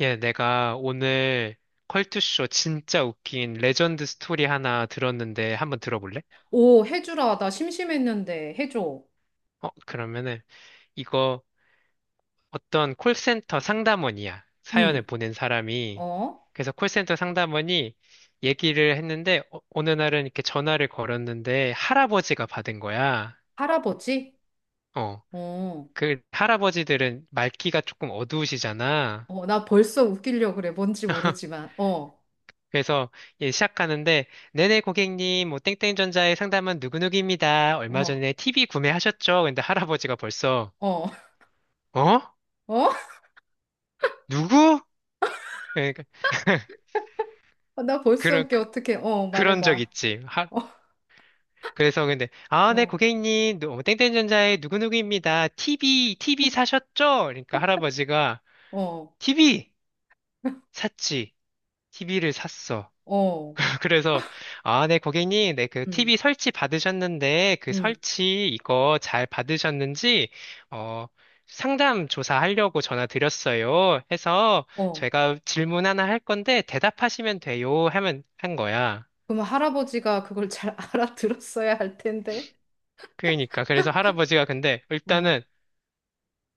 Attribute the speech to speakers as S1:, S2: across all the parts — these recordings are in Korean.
S1: 예, 내가 오늘 컬투쇼 진짜 웃긴 레전드 스토리 하나 들었는데 한번 들어볼래?
S2: 오, 해주라. 나 심심했는데 해줘.
S1: 그러면은 이거 어떤 콜센터 상담원이야. 사연을
S2: 응.
S1: 보낸 사람이.
S2: 어?
S1: 그래서 콜센터 상담원이 얘기를 했는데 어느 날은 이렇게 전화를 걸었는데 할아버지가 받은 거야.
S2: 할아버지?
S1: 어.
S2: 어.
S1: 그 할아버지들은 말귀가 조금 어두우시잖아.
S2: 어, 나 벌써 웃기려 그래. 뭔지 모르지만. 어.
S1: 그래서 예, 시작하는데 네네 고객님 뭐 땡땡전자의 상담은 누구누구입니다. 얼마
S2: 어.
S1: 전에 TV 구매하셨죠? 근데 할아버지가 벌써
S2: 어.
S1: 어?
S2: 어?
S1: 누구? 그러니까
S2: 아, 나 벌써
S1: 그런
S2: 웃겨.
S1: 그,
S2: 어떡해.
S1: 그런 적
S2: 말해봐.
S1: 있지.
S2: 어.
S1: 그래서 근데 아, 네
S2: 어.
S1: 고객님 땡땡전자의 누구누구입니다. TV 사셨죠? 그러니까 할아버지가
S2: 어.
S1: TV 샀지. TV를 샀어.
S2: 어.
S1: 아, 그래서, 아, 네, 고객님, 네, 그
S2: 응.
S1: TV 설치 받으셨는데, 그
S2: 응.
S1: 설치 이거 잘 받으셨는지, 어, 상담 조사하려고 전화 드렸어요. 해서,
S2: 어.
S1: 제가 질문 하나 할 건데, 대답하시면 돼요. 하면, 한 거야.
S2: 그럼 할아버지가 그걸 잘 알아들었어야 할 텐데.
S1: 그러니까, 그래서 할아버지가 근데,
S2: 어.
S1: 일단은,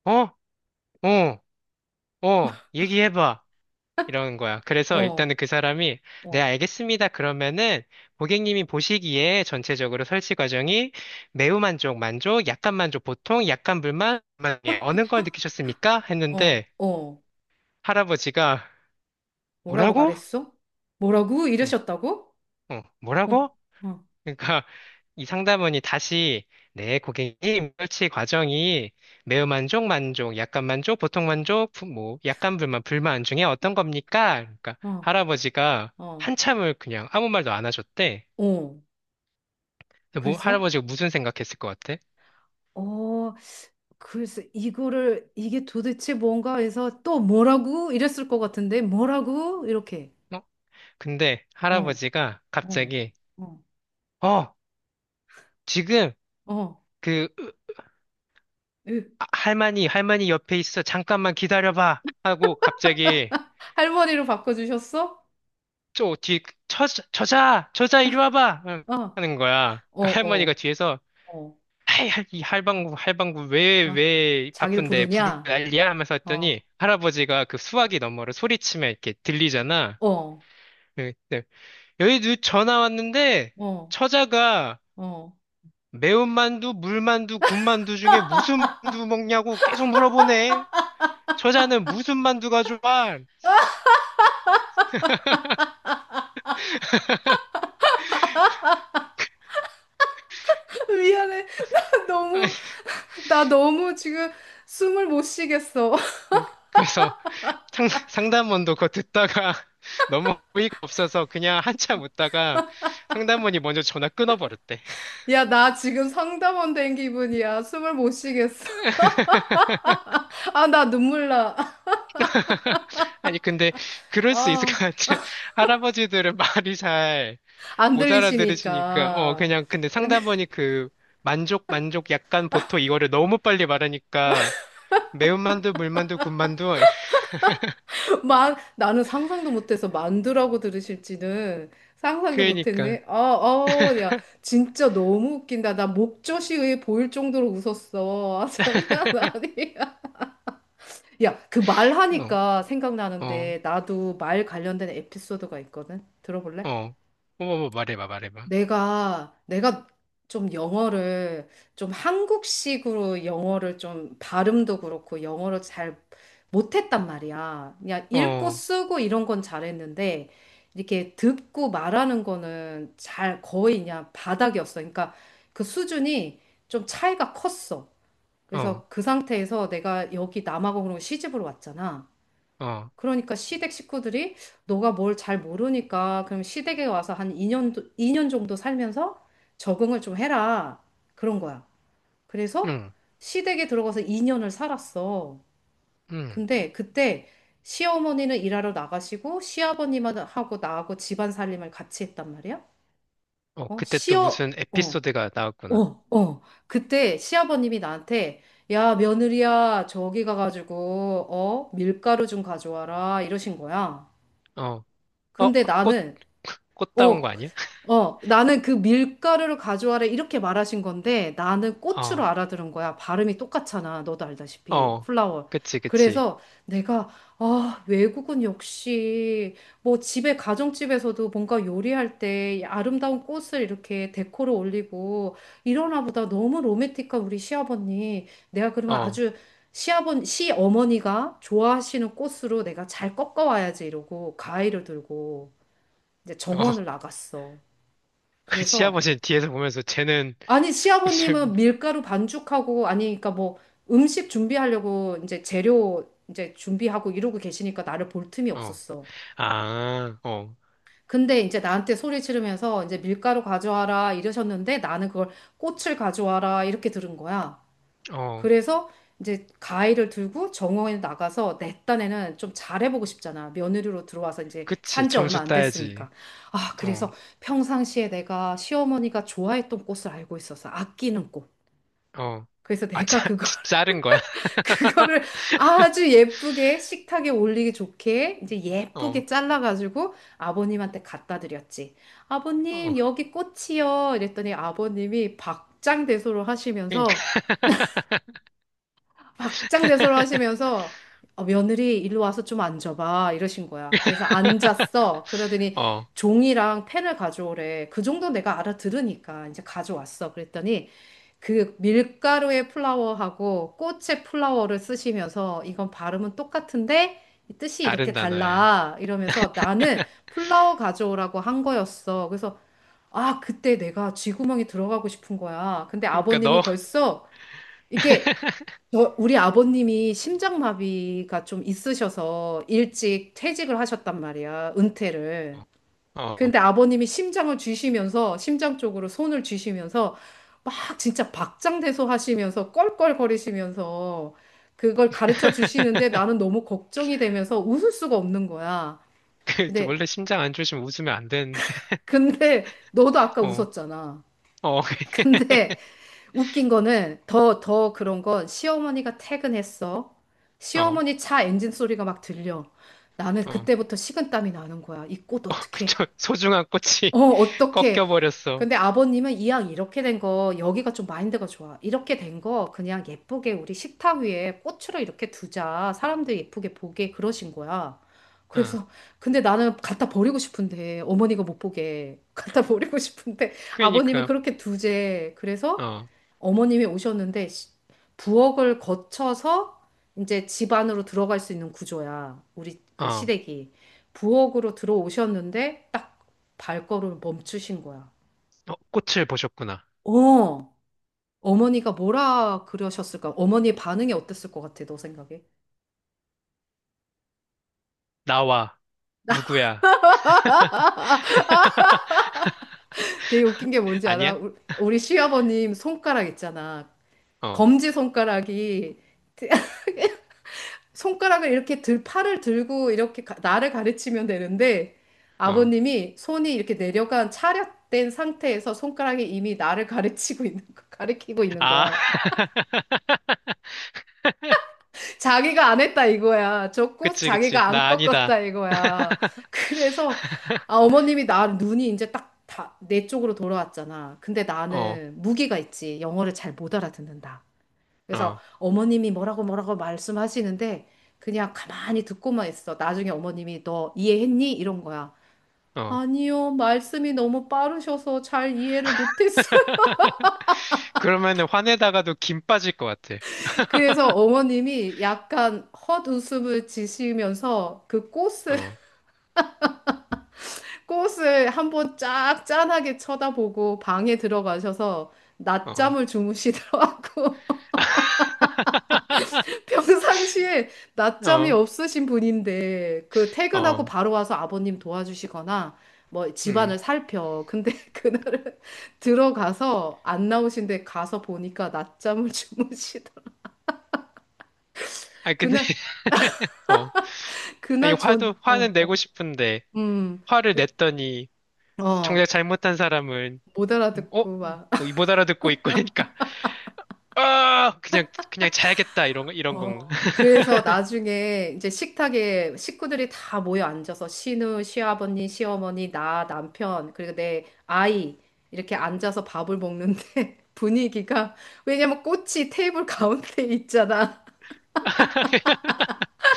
S1: 어? 어? 어? 얘기해봐. 이런 거야. 그래서
S2: 어.
S1: 일단은 그 사람이, 네,
S2: 어.
S1: 알겠습니다. 그러면은 고객님이 보시기에 전체적으로 설치 과정이 매우 만족, 만족, 약간 만족, 보통, 약간 불만, 불만, 예, 어느 걸 느끼셨습니까?
S2: 어.
S1: 했는데
S2: 어.
S1: 할아버지가
S2: 뭐라고
S1: 뭐라고?
S2: 말했어? 뭐라고?
S1: 응,
S2: 이러셨다고?
S1: 응,
S2: 어.
S1: 뭐라고?
S2: 어.
S1: 그러니까 이 상담원이 다시 네, 고객님, 설치 과정이 매우 만족, 만족, 약간 만족, 보통 만족, 뭐 약간 불만, 불만 중에 어떤 겁니까? 그러니까
S2: 어.
S1: 할아버지가
S2: 어.
S1: 한참을 그냥 아무 말도 안 하셨대.
S2: 어.
S1: 근데 뭐
S2: 그래서
S1: 할아버지가 무슨 생각했을 것 같아?
S2: 어 그래서 이거를 이게 도대체 뭔가 해서 또 뭐라고 이랬을 것 같은데 뭐라고 이렇게
S1: 어? 근데
S2: 어
S1: 할아버지가
S2: 어
S1: 갑자기
S2: 어
S1: 어, 지금
S2: 어
S1: 그 아, 할머니, 할머니 옆에 있어. 잠깐만 기다려봐. 하고 갑자기
S2: 할머니로 바꿔주셨어?
S1: 저 뒤에 그 저자 저자 이리 와봐 응,
S2: 어
S1: 하는 거야.
S2: 어
S1: 그러니까 할머니가
S2: 어
S1: 뒤에서
S2: 어
S1: 에이, 이 할방구 할방구 왜
S2: 어
S1: 왜
S2: 자기를
S1: 바쁜데 부르
S2: 부르냐?
S1: 난리야 하면서 했더니
S2: 어
S1: 할아버지가 그 수화기 너머로 소리치면 이렇게 들리잖아.
S2: 어
S1: 예, 네. 여기 누 전화 왔는데
S2: 어
S1: 처자가
S2: 어
S1: 매운만두 물만두 군만두 중에 무슨 만두 먹냐고 계속 물어보네. 처자는 무슨 만두가 좋아?
S2: 미안해. 너무 나 너무 지금 숨을 못 쉬겠어.
S1: 그래서 상담원도 그거 듣다가 너무 어이가 없어서 그냥 한참 웃다가 상담원이 먼저 전화 끊어버렸대.
S2: 야, 나 지금 상담원 된 기분이야. 숨을 못 쉬겠어. 아, 나 눈물 나.
S1: 아니, 근데 그럴 수 있을 것
S2: 아,
S1: 같아. 할아버지들은 말이 잘
S2: 안
S1: 못 알아들으시니까,
S2: 들리시니까.
S1: 그냥, 근데
S2: 근데
S1: 상담원이 그 만족, 만족, 약간, 보통 이거를 너무 빨리 말하니까 매운만두, 물만두, 군만두,
S2: 나는 상상도 못해서 만두라고 들으실지는 상상도
S1: 그러니까.
S2: 못했네. 아, 아, 야, 진짜 너무 웃긴다. 나 목젖이 보일 정도로 웃었어. 아, 장난 아니야. 야, 그 말하니까
S1: 어, 어,
S2: 생각나는데 나도 말 관련된 에피소드가 있거든. 들어볼래?
S1: 어. 어머머, 말해봐, 말해봐.
S2: 내가 좀 영어를, 좀 한국식으로 영어를 좀 발음도 그렇고 영어를 잘 못했단 말이야. 그냥 읽고
S1: 어.
S2: 쓰고 이런 건 잘했는데, 이렇게 듣고 말하는 거는 잘 거의 그냥 바닥이었어. 그러니까 그 수준이 좀 차이가 컸어.
S1: 어,
S2: 그래서 그 상태에서 내가 여기 남아공으로 시집을 왔잖아.
S1: 어,
S2: 그러니까 시댁 식구들이 너가 뭘 잘 모르니까 그럼 시댁에 와서 한 2년, 이 년 정도 살면서 적응을 좀 해라. 그런 거야. 그래서
S1: 응,
S2: 시댁에 들어가서 2년을 살았어.
S1: 응.
S2: 근데 그때 시어머니는 일하러 나가시고 시아버님하고 나하고 집안 살림을 같이 했단 말이야.
S1: 어,
S2: 어,
S1: 그때 또
S2: 시어,
S1: 무슨
S2: 어,
S1: 에피소드가
S2: 어,
S1: 나왔구나.
S2: 어. 그때 시아버님이 나한테 야, 며느리야, 저기 가가지고, 밀가루 좀 가져와라. 이러신 거야.
S1: 어, 어,
S2: 근데
S1: 꽃,
S2: 나는,
S1: 꽃 따온 거
S2: 어,
S1: 아니야?
S2: 어, 나는 그 밀가루를 가져와라 이렇게 말하신 건데 나는 고추로
S1: 어,
S2: 알아들은 거야. 발음이 똑같잖아. 너도 알다시피.
S1: 어,
S2: 플라워.
S1: 그치, 그치.
S2: 그래서 내가, 아, 외국은 역시 뭐 집에, 가정집에서도 뭔가 요리할 때 아름다운 꽃을 이렇게 데코로 올리고 이러나 보다. 너무 로맨틱한 우리 시아버님. 내가
S1: 어,
S2: 그러면
S1: 어.
S2: 아주 시아버, 시어머니가 좋아하시는 꽃으로 내가 잘 꺾어와야지 이러고 가위를 들고. 이제 정원을 나갔어.
S1: 그
S2: 그래서
S1: 시아버지는 뒤에서 보면서 쟤는
S2: 아니
S1: 무슨,
S2: 시아버님은 밀가루 반죽하고 아니 그러니까 뭐 음식 준비하려고 이제 재료 이제 준비하고 이러고 계시니까 나를 볼 틈이
S1: 어,
S2: 없었어.
S1: 아, 어,
S2: 근데 이제 나한테 소리 지르면서 이제 밀가루 가져와라 이러셨는데 나는 그걸 꽃을 가져와라 이렇게 들은 거야.
S1: 어,
S2: 그래서 이제 가위를 들고 정원에 나가서 내 딴에는 좀 잘해보고 싶잖아. 며느리로 들어와서 이제
S1: 그치.
S2: 산지
S1: 점수
S2: 얼마 안
S1: 따야지.
S2: 됐으니까. 아,
S1: 어,
S2: 그래서 평상시에 내가 시어머니가 좋아했던 꽃을 알고 있어서 아끼는 꽃.
S1: 어.
S2: 그래서
S1: 아,
S2: 내가 그거,
S1: 자른 거야?
S2: 그거를 아주 예쁘게 식탁에 올리기 좋게 이제
S1: 어,
S2: 예쁘게 잘라가지고 아버님한테 갖다 드렸지.
S1: 어.
S2: 아버님, 여기 꽃이요. 이랬더니 아버님이 박장대소를
S1: 그러니까.
S2: 하시면서 박장대소를 하시면서 어, 며느리 일로 와서 좀 앉아봐 이러신 거야. 그래서 앉았어. 그러더니
S1: 어,
S2: 종이랑 펜을 가져오래. 그 정도 내가 알아들으니까 이제 가져왔어. 그랬더니 그 밀가루의 플라워하고 꽃의 플라워를 쓰시면서 이건 발음은 똑같은데 이 뜻이
S1: 다른
S2: 이렇게
S1: 단어야.
S2: 달라 이러면서 나는 플라워 가져오라고 한 거였어. 그래서 아, 그때 내가 쥐구멍에 들어가고 싶은 거야. 근데
S1: 그러니까
S2: 아버님은
S1: 너,
S2: 벌써 이게 저, 우리 아버님이 심장마비가 좀 있으셔서 일찍 퇴직을 하셨단 말이야, 은퇴를.
S1: 어.
S2: 근데 아버님이 심장을 쥐시면서, 심장 쪽으로 손을 쥐시면서, 막 진짜 박장대소 하시면서, 껄껄거리시면서, 그걸 가르쳐 주시는데 나는 너무 걱정이 되면서 웃을 수가 없는 거야.
S1: 그,
S2: 근데,
S1: 원래 심장 안 좋으시면 웃으면 안 되는데,
S2: 근데, 너도 아까
S1: 어,
S2: 웃었잖아.
S1: 어,
S2: 근데, 웃긴 거는 더, 더 그런 건 시어머니가 퇴근했어.
S1: 어,
S2: 시어머니 차 엔진 소리가 막 들려. 나는
S1: 어, 어,
S2: 그때부터 식은땀이 나는 거야. 이 꽃 어떡해?
S1: 그쵸. 소중한 꽃이
S2: 어, 어떡해?
S1: 꺾여버렸어.
S2: 근데 아버님은 이왕 이렇게 된 거, 여기가 좀 마인드가 좋아. 이렇게 된 거 그냥 예쁘게 우리 식탁 위에 꽃으로 이렇게 두자. 사람들 예쁘게 보게 그러신 거야.
S1: 어,
S2: 그래서 근데 나는 갖다 버리고 싶은데 어머니가 못 보게 갖다 버리고 싶은데 아버님은
S1: 그러니까,
S2: 그렇게 두제. 그래서
S1: 어,
S2: 어머님이 오셨는데 시- 부엌을 거쳐서 이제 집 안으로 들어갈 수 있는 구조야. 우리
S1: 어,
S2: 그
S1: 어,
S2: 시댁이. 부엌으로 들어오셨는데 딱 발걸음을 멈추신 거야.
S1: 꽃을 보셨구나.
S2: 어, 어머니가 뭐라 그러셨을까? 어머니 반응이 어땠을 것 같아, 너 생각에?
S1: 나와, 누구야.
S2: 되게 웃긴 게 뭔지 알아?
S1: 아니야?
S2: 우리 시아버님 손가락 있잖아.
S1: 어,
S2: 검지 손가락이 팔을 들고 이렇게 나를 가르치면 되는데
S1: 어.
S2: 아버님이 손이 이렇게 내려간 차렷된 상태에서 손가락이 이미 나를 가르치고 있는 거, 가르치고 있는
S1: 아,
S2: 거야. 자기가 안 했다 이거야. 줬고
S1: 그치, 그치.
S2: 자기가 안
S1: 나
S2: 꺾었다
S1: 아니다.
S2: 이거야. 그래서 아, 어머님이 나 눈이 이제 딱 다, 내 쪽으로 돌아왔잖아. 근데
S1: 어,
S2: 나는 무기가 있지. 영어를 잘 못 알아듣는다. 그래서
S1: 어.
S2: 어머님이 뭐라고 뭐라고 말씀하시는데 그냥 가만히 듣고만 있어. 나중에 어머님이 너 이해했니? 이런 거야.
S1: 어.
S2: 아니요, 말씀이 너무 빠르셔서 잘 이해를 못했어요.
S1: 그러면은 화내다가도 김 빠질 것 같아.
S2: 그래서 어머님이 약간 헛웃음을 지시면서 그 꽃을,
S1: 어,
S2: 꽃을 한번 쫙 짠하게 쳐다보고 방에 들어가셔서
S1: 어,
S2: 낮잠을 주무시더라고. 평상시에 낮잠이
S1: 어,
S2: 없으신 분인데 그 퇴근하고
S1: 어,
S2: 바로 와서 아버님 도와주시거나 뭐
S1: 음.
S2: 집안을 살펴. 근데 그날은 들어가서 안 나오신데 가서 보니까 낮잠을 주무시더라.
S1: 아, 근데,
S2: 그날
S1: 어. 아니,
S2: 그날 전
S1: 화도,
S2: 어,
S1: 화는
S2: 어,
S1: 내고 싶은데,
S2: 음,
S1: 화를 냈더니, 정작
S2: 어,
S1: 잘못한 사람은,
S2: 못
S1: 어?
S2: 알아듣고
S1: 뭐이못 알아듣고 있고, 그러니까, 아! 그냥, 그냥 자야겠다, 이런, 이런 건가?
S2: 어, 그래서 나중에 이제 식탁에 식구들이 다 모여 앉아서 시누, 시아버님, 시어머니, 나, 남편, 그리고 내 아이 이렇게 앉아서 밥을 먹는데 분위기가 왜냐면 꽃이 테이블 가운데 있잖아.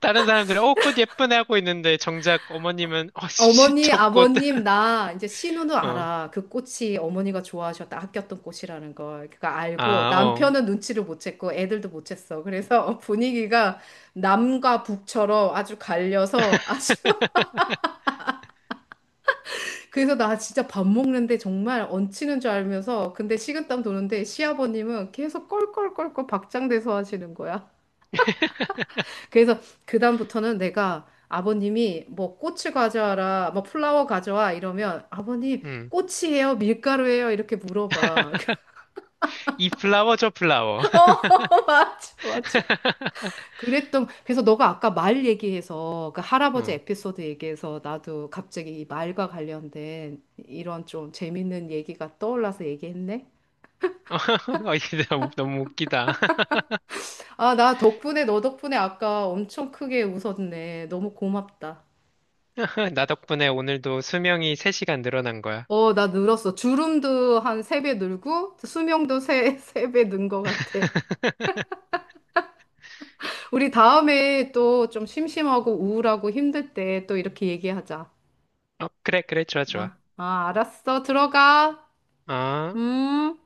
S1: 다른 사람들은 어, 꽃 예쁘네 하고 있는데 정작 어머님은 어, 씨,
S2: 어머니,
S1: 저 꽃.
S2: 아버님, 나 이제 시누는
S1: 어.
S2: 알아. 그 꽃이 어머니가 좋아하셨다, 아꼈던 꽃이라는 걸. 그거 알고
S1: 아, 어.
S2: 남편은 눈치를 못 챘고 애들도 못 챘어. 그래서 분위기가 남과 북처럼 아주 갈려서 아주 그래서 나 진짜 밥 먹는데 정말 얹히는 줄 알면서 근데 식은땀 도는데 시아버님은 계속 껄껄껄껄 박장대소 하시는 거야. 그래서 그다음부터는 내가 아버님이 뭐 꽃을 가져와라, 뭐 플라워 가져와 이러면 아버님
S1: 음.
S2: 꽃이에요, 밀가루예요 이렇게 물어봐.
S1: 이 플라워 저 플라워.
S2: 어 맞아 맞아. 그랬던 그래서 너가 아까 말 얘기해서 그 할아버지
S1: 어.
S2: 에피소드 얘기해서 나도 갑자기 이 말과 관련된 이런 좀 재밌는 얘기가 떠올라서 얘기했네.
S1: 어, 이게 너무 너무 웃기다.
S2: 아, 나 덕분에, 너 덕분에 아까 엄청 크게 웃었네. 너무 고맙다.
S1: 나 덕분에 오늘도 수명이 3시간 늘어난 거야.
S2: 어, 나 늘었어. 주름도 한 세 배 늘고, 세 배 는 것 같아. 우리 다음에 또 좀 심심하고 우울하고 힘들 때 또 이렇게 얘기하자.
S1: 어, 그래, 그래, 좋아, 좋아.
S2: 알았어. 들어가.
S1: 아.
S2: 음.